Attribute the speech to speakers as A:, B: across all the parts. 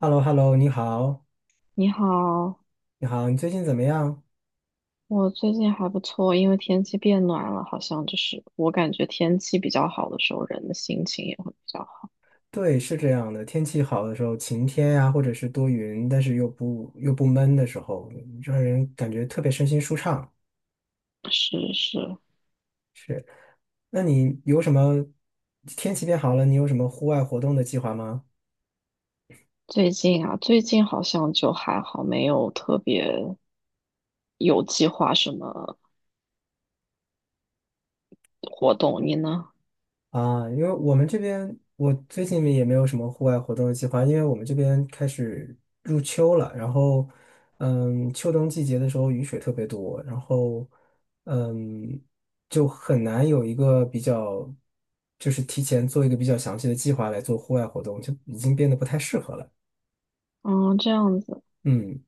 A: h e l l o h e l l o 你好，
B: 你好，
A: 你好，你最近怎么样？
B: 我最近还不错，因为天气变暖了，好像我感觉天气比较好的时候，人的心情也会比较好。
A: 对，是这样的，天气好的时候，晴天呀、或者是多云，但是又不闷的时候，让人感觉特别身心舒畅。
B: 是是。
A: 那你有什么天气变好了，你有什么户外活动的计划吗？
B: 最近啊，最近好像就还好，没有特别有计划什么活动。你呢？
A: 啊，因为我们这边我最近也没有什么户外活动的计划，因为我们这边开始入秋了，然后，秋冬季节的时候雨水特别多，然后，嗯，就很难有一个比较，就是提前做一个比较详细的计划来做户外活动，就已经变得不太适合了。
B: 嗯，这样子。
A: 嗯，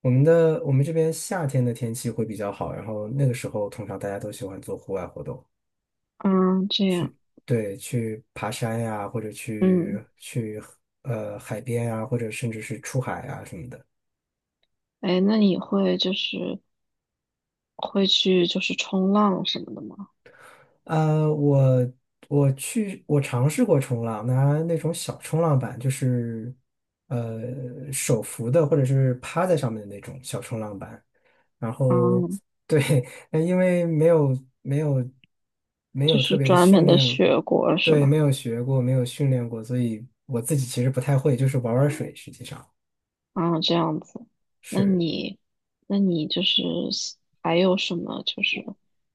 A: 我们这边夏天的天气会比较好，然后那个时候通常大家都喜欢做户外活动。
B: 嗯，这样。
A: 对，去爬山呀、或者
B: 嗯，
A: 去海边呀、或者甚至是出海啊什么的。
B: 哎，那你会去冲浪什么的吗？
A: 呃，我我尝试过冲浪，拿那种小冲浪板，就是手扶的或者是趴在上面的那种小冲浪板。然后
B: 嗯，
A: 对，那因为没有没有没
B: 就
A: 有特
B: 是
A: 别的
B: 专
A: 训
B: 门的
A: 练过，
B: 学过是
A: 对，没
B: 吧？
A: 有学过，没有训练过，所以我自己其实不太会，就是玩玩水，实际上
B: 啊，这样子。那
A: 是。
B: 你，那你就是喜还有什么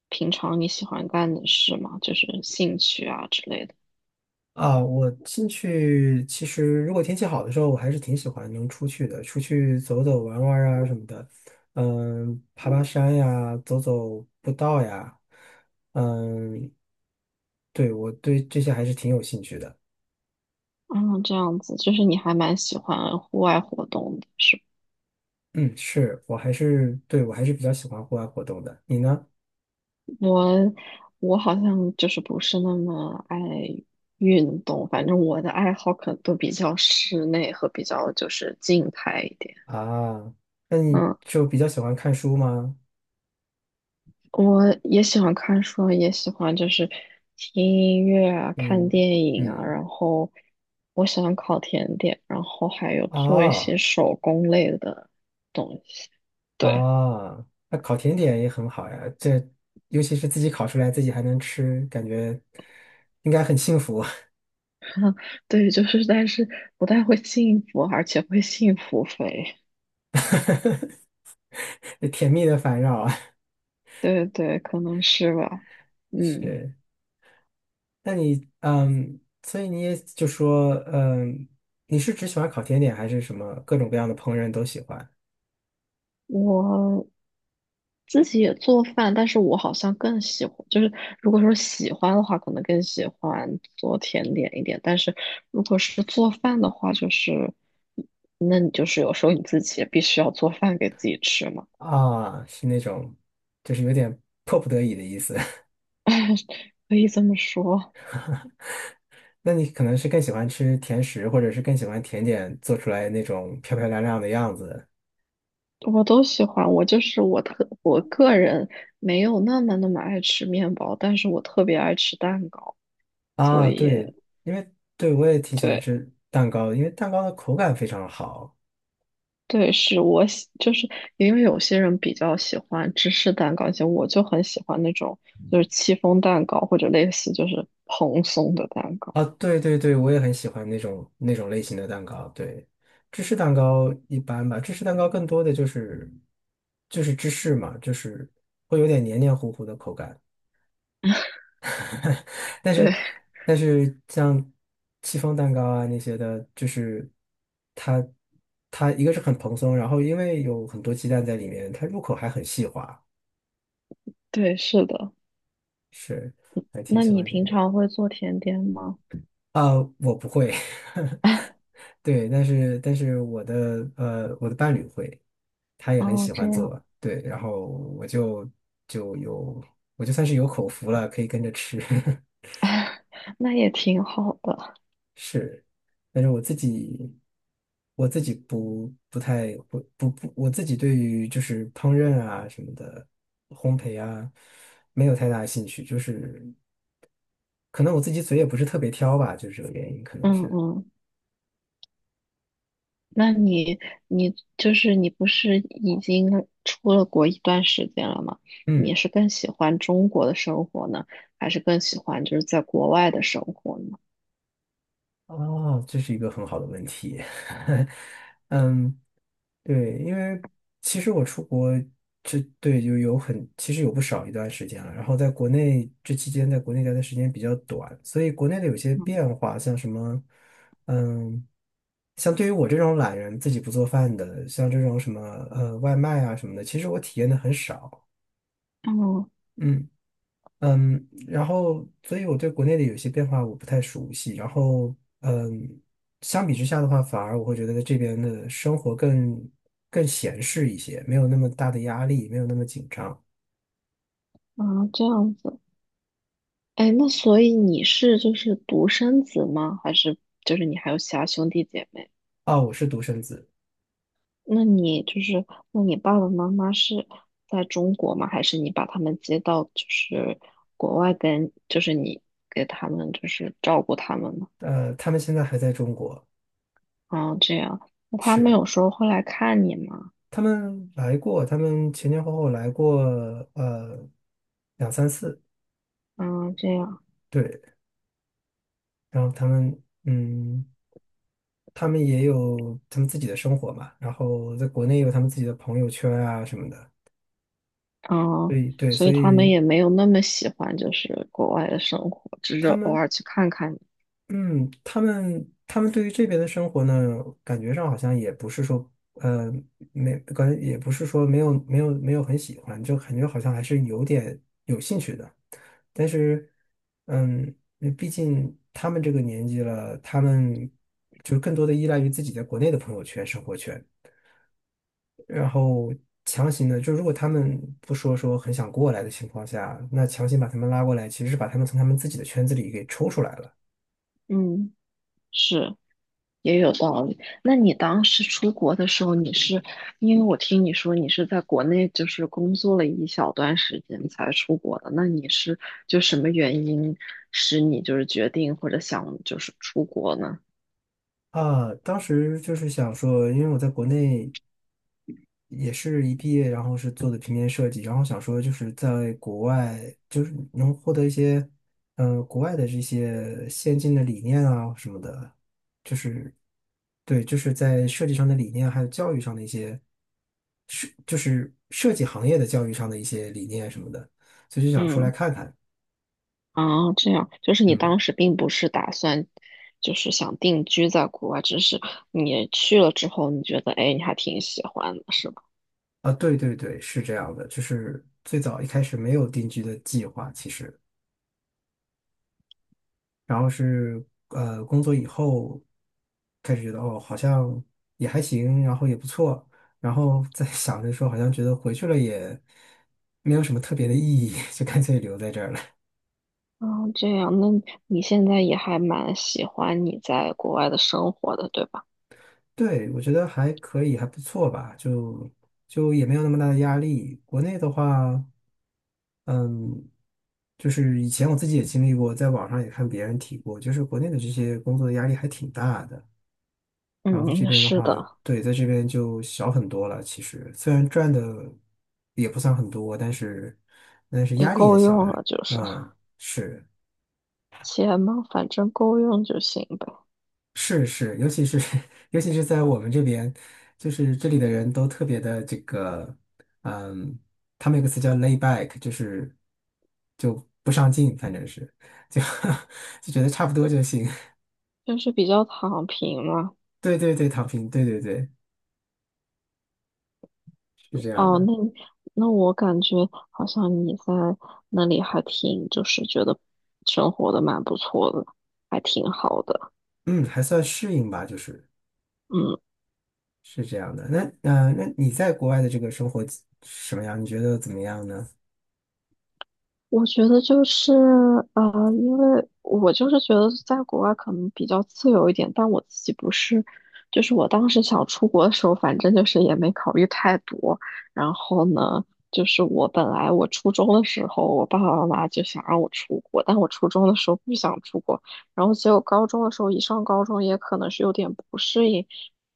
B: 平常你喜欢干的事吗？就是兴趣啊之类的。
A: 啊，我进去其实如果天气好的时候，我还是挺喜欢能出去的，出去走走玩玩啊什么的，嗯，爬爬山呀，走走步道呀，嗯，对，我对这些还是挺有兴趣的。
B: 啊，这样子，就是你还蛮喜欢户外活动的，是吧？
A: 嗯，我还是比较喜欢户外活动的。你呢？
B: 我，我好像不是那么爱运动，反正我的爱好可能都比较室内和比较就是静态一点。
A: 啊，那你
B: 嗯。
A: 就比较喜欢看书吗？
B: 我也喜欢看书，也喜欢听音乐啊、看
A: 嗯
B: 电影啊，
A: 嗯
B: 然后我喜欢烤甜点，然后还有
A: 啊。
B: 做一些
A: 哦
B: 手工类的东西。对。
A: 啊，那烤甜点也很好呀，这尤其是自己烤出来，自己还能吃，感觉应该很幸福，
B: 对，但是不太会幸福，而且会幸福肥。
A: 甜蜜的烦扰啊。
B: 对对，可能是吧。嗯，
A: 是，那你所以你也就说，你是只喜欢烤甜点，还是什么各种各样的烹饪都喜欢？
B: 我自己也做饭，但是我好像更喜欢，就是如果说喜欢的话，可能更喜欢做甜点一点。但是如果是做饭的话，就是那你有时候你自己也必须要做饭给自己吃嘛。
A: 啊，是那种，就是有点迫不得已的意思。
B: 可以这么说。
A: 那你可能是更喜欢吃甜食，或者是更喜欢甜点做出来那种漂漂亮亮的样子。
B: 我都喜欢，我就是我特我个人没有那么爱吃面包，但是我特别爱吃蛋糕，所
A: 啊，
B: 以
A: 对，因为对我也挺喜欢
B: 对。
A: 吃蛋糕的，因为蛋糕的口感非常好
B: 对，是我喜，就是因为有些人比较喜欢芝士蛋糕，像我就很喜欢那种戚风蛋糕或者类似蓬松的蛋糕。
A: 啊。对对对，我也很喜欢那种类型的蛋糕。对，芝士蛋糕一般吧，芝士蛋糕更多的就是芝士嘛，就是会有点黏黏糊糊的口感。但
B: 对。
A: 是 但是像戚风蛋糕啊那些的，就是它它一个是很蓬松，然后因为有很多鸡蛋在里面，它入口还很细滑，
B: 对，是的。
A: 是还挺
B: 那
A: 喜
B: 你
A: 欢这
B: 平
A: 个。
B: 常会做甜点吗？
A: 啊，我不会，对，但是我的伴侣会，他也很
B: 哦，
A: 喜
B: 这
A: 欢
B: 样。
A: 做，对，然后我就就有我就算是有口福了，可以跟着吃，
B: 那也挺好的。
A: 是，但是，我自己我自己不不太不不不，我自己对于就是烹饪啊什么的烘焙啊没有太大兴趣，就是可能我自己嘴也不是特别挑吧，就是这个原因，可能
B: 嗯
A: 是，
B: 嗯，那你不是已经出了国一段时间了吗？你
A: 嗯。
B: 是更喜欢中国的生活呢，还是更喜欢在国外的生活呢？
A: 哦，这是一个很好的问题。嗯，对，因为其实我出国这对就有很其实有不少一段时间了，然后在国内这期间在国内待的时间比较短，所以国内的有些
B: 嗯。
A: 变化，像什么，嗯，像对于我这种懒人自己不做饭的，像这种什么外卖啊什么的，其实我体验的很少。
B: 哦，
A: 嗯。嗯，然后，所以我对国内的有些变化我不太熟悉。然后，嗯，相比之下的话，反而我会觉得在这边的生活更闲适一些，没有那么大的压力，没有那么紧张。
B: 啊，这样子。哎，那所以你是独生子吗？还是你还有其他兄弟姐妹？
A: 啊，我是独生子，
B: 那你那你爸爸妈妈是在中国吗？还是你把他们接到国外跟你给他们照顾他们呢？
A: 他们现在还在中国，
B: 啊，这样，那他们
A: 是
B: 有时候会来看你吗？
A: 他们来过，他们前前后后来过，呃，两三次，
B: 嗯，这样。
A: 对。然后他们，嗯，他们也有他们自己的生活嘛，然后在国内有他们自己的朋友圈啊什么的。
B: 啊，
A: 对对，
B: 所
A: 所
B: 以他们
A: 以
B: 也没有那么喜欢国外的生活，只是
A: 他
B: 偶
A: 们，
B: 尔去看看你。
A: 他们对于这边的生活呢，感觉上好像也不是说，没感觉也不是说没有很喜欢，就感觉好像还是有点有兴趣的。但是，嗯，那毕竟他们这个年纪了，他们就更多的依赖于自己在国内的朋友圈、生活圈。然后强行的，就如果他们不说说很想过来的情况下，那强行把他们拉过来，其实是把他们从他们自己的圈子里给抽出来了。
B: 嗯，是。也有道理。那你当时出国的时候，你是因为我听你说你是在国内工作了一小段时间才出国的，那你是就什么原因使你决定或者想出国呢？
A: 啊，当时就是想说，因为我在国内也是一毕业，然后是做的平面设计，然后想说就是在国外，就是能获得一些，国外的这些先进的理念啊什么的，就是对，就是在设计上的理念，还有教育上的一些，就是设计行业的教育上的一些理念什么的，所以就想出来
B: 嗯，
A: 看看。
B: 啊，这样，就是你
A: 嗯，
B: 当时并不是打算想定居在国外，只是你去了之后，你觉得哎，你还挺喜欢的，是吧？
A: 啊，对对对，是这样的，就是最早一开始没有定居的计划，其实。然后是工作以后开始觉得哦好像也还行，然后也不错，然后在 想着说好像觉得回去了也没有什么特别的意义，就干脆留在这儿了。
B: 啊，这样，那你现在也还蛮喜欢你在国外的生活的，对吧？
A: 对，我觉得还可以，还不错吧，就也没有那么大的压力。国内的话，嗯，就是以前我自己也经历过，在网上也看别人提过，就是国内的这些工作的压力还挺大的。然后在这
B: 嗯，
A: 边的
B: 是
A: 话，
B: 的，
A: 对，在这边就小很多了。其实虽然赚的也不算很多，但是
B: 也
A: 压力也
B: 够
A: 小
B: 用了，
A: 呀。
B: 就是
A: 嗯，是
B: 钱嘛，反正够用就行呗，
A: 是是，尤其是 尤其是在我们这边，就是这里的人都特别的这个，嗯，他们有个词叫 lay back，就不上进，反正是就 就觉得差不多就行。
B: 就是比较躺平嘛。
A: 对对对，躺平，对对对，是这样
B: 哦，
A: 的。
B: 那你那我感觉好像你在那里还挺，就是觉得生活的蛮不错的，还挺好的。
A: 嗯，还算适应吧，就是。
B: 嗯。
A: 是这样的。那你在国外的这个生活什么样？你觉得怎么样呢？
B: 我觉得就是，因为我觉得在国外可能比较自由一点，但我自己不是，就是我当时想出国的时候，反正就是也没考虑太多。然后呢，我本来我初中的时候，我爸爸妈妈就想让我出国，但我初中的时候不想出国，然后结果高中的时候，一上高中也可能是有点不适应，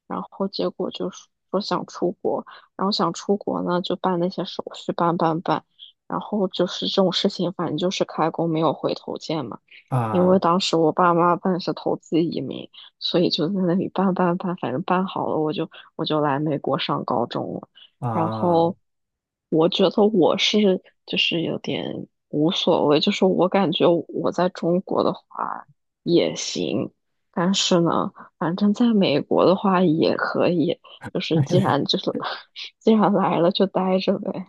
B: 然后结果就是说想出国，然后想出国呢，就办那些手续，办。然后就是这种事情，反正就是开弓没有回头箭嘛。因为
A: 啊
B: 当时我爸妈办是投资移民，所以就在那里办，反正办好了，我就来美国上高中了。然
A: 啊，
B: 后我觉得我是有点无所谓，就是我感觉我在中国的话也行，但是呢，反正在美国的话也可以，既然既然来了就待着呗。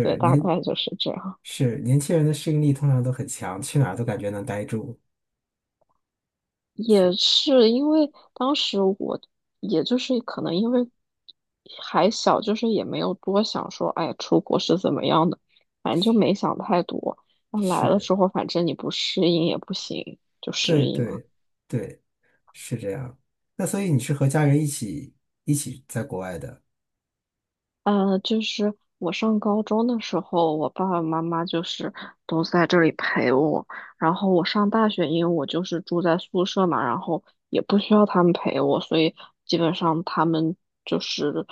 B: 对，大
A: 年
B: 概就是这样。
A: 是年轻人的适应力通常都很强，去哪儿都感觉能待住。
B: 也是因为当时我，也就是可能因为还小，就是也没有多想说，哎，出国是怎么样的，反正就没想太多。那来了之
A: 是，
B: 后，反正你不适应也不行，就适
A: 对
B: 应了。
A: 对对，是这样。那所以你是和家人一起在国外的？
B: 呃，我上高中的时候，我爸爸妈妈就是都在这里陪我。然后我上大学，因为我住在宿舍嘛，然后也不需要他们陪我，所以基本上他们就是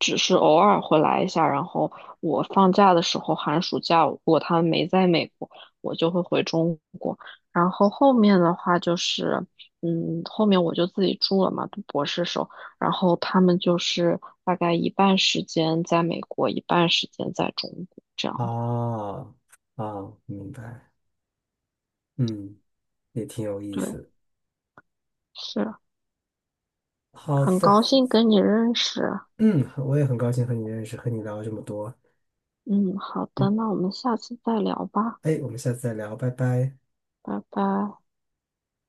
B: 只是偶尔会来一下。然后我放假的时候，寒暑假如果他们没在美国，我就会回中国。然后后面的话就是，嗯，后面我就自己住了嘛，读博士时候。然后他们就是大概一半时间在美国，一半时间在中国这样的。
A: 哦哦，明白。嗯，也挺有意
B: 对，
A: 思。
B: 是。
A: 好
B: 很
A: 的，
B: 高兴跟你认识。
A: 嗯，我也很高兴和你认识，和你聊了这么多。
B: 嗯，好的，
A: 嗯，
B: 那我们下次再聊吧，
A: 哎，我们下次再聊，拜拜。
B: 拜拜。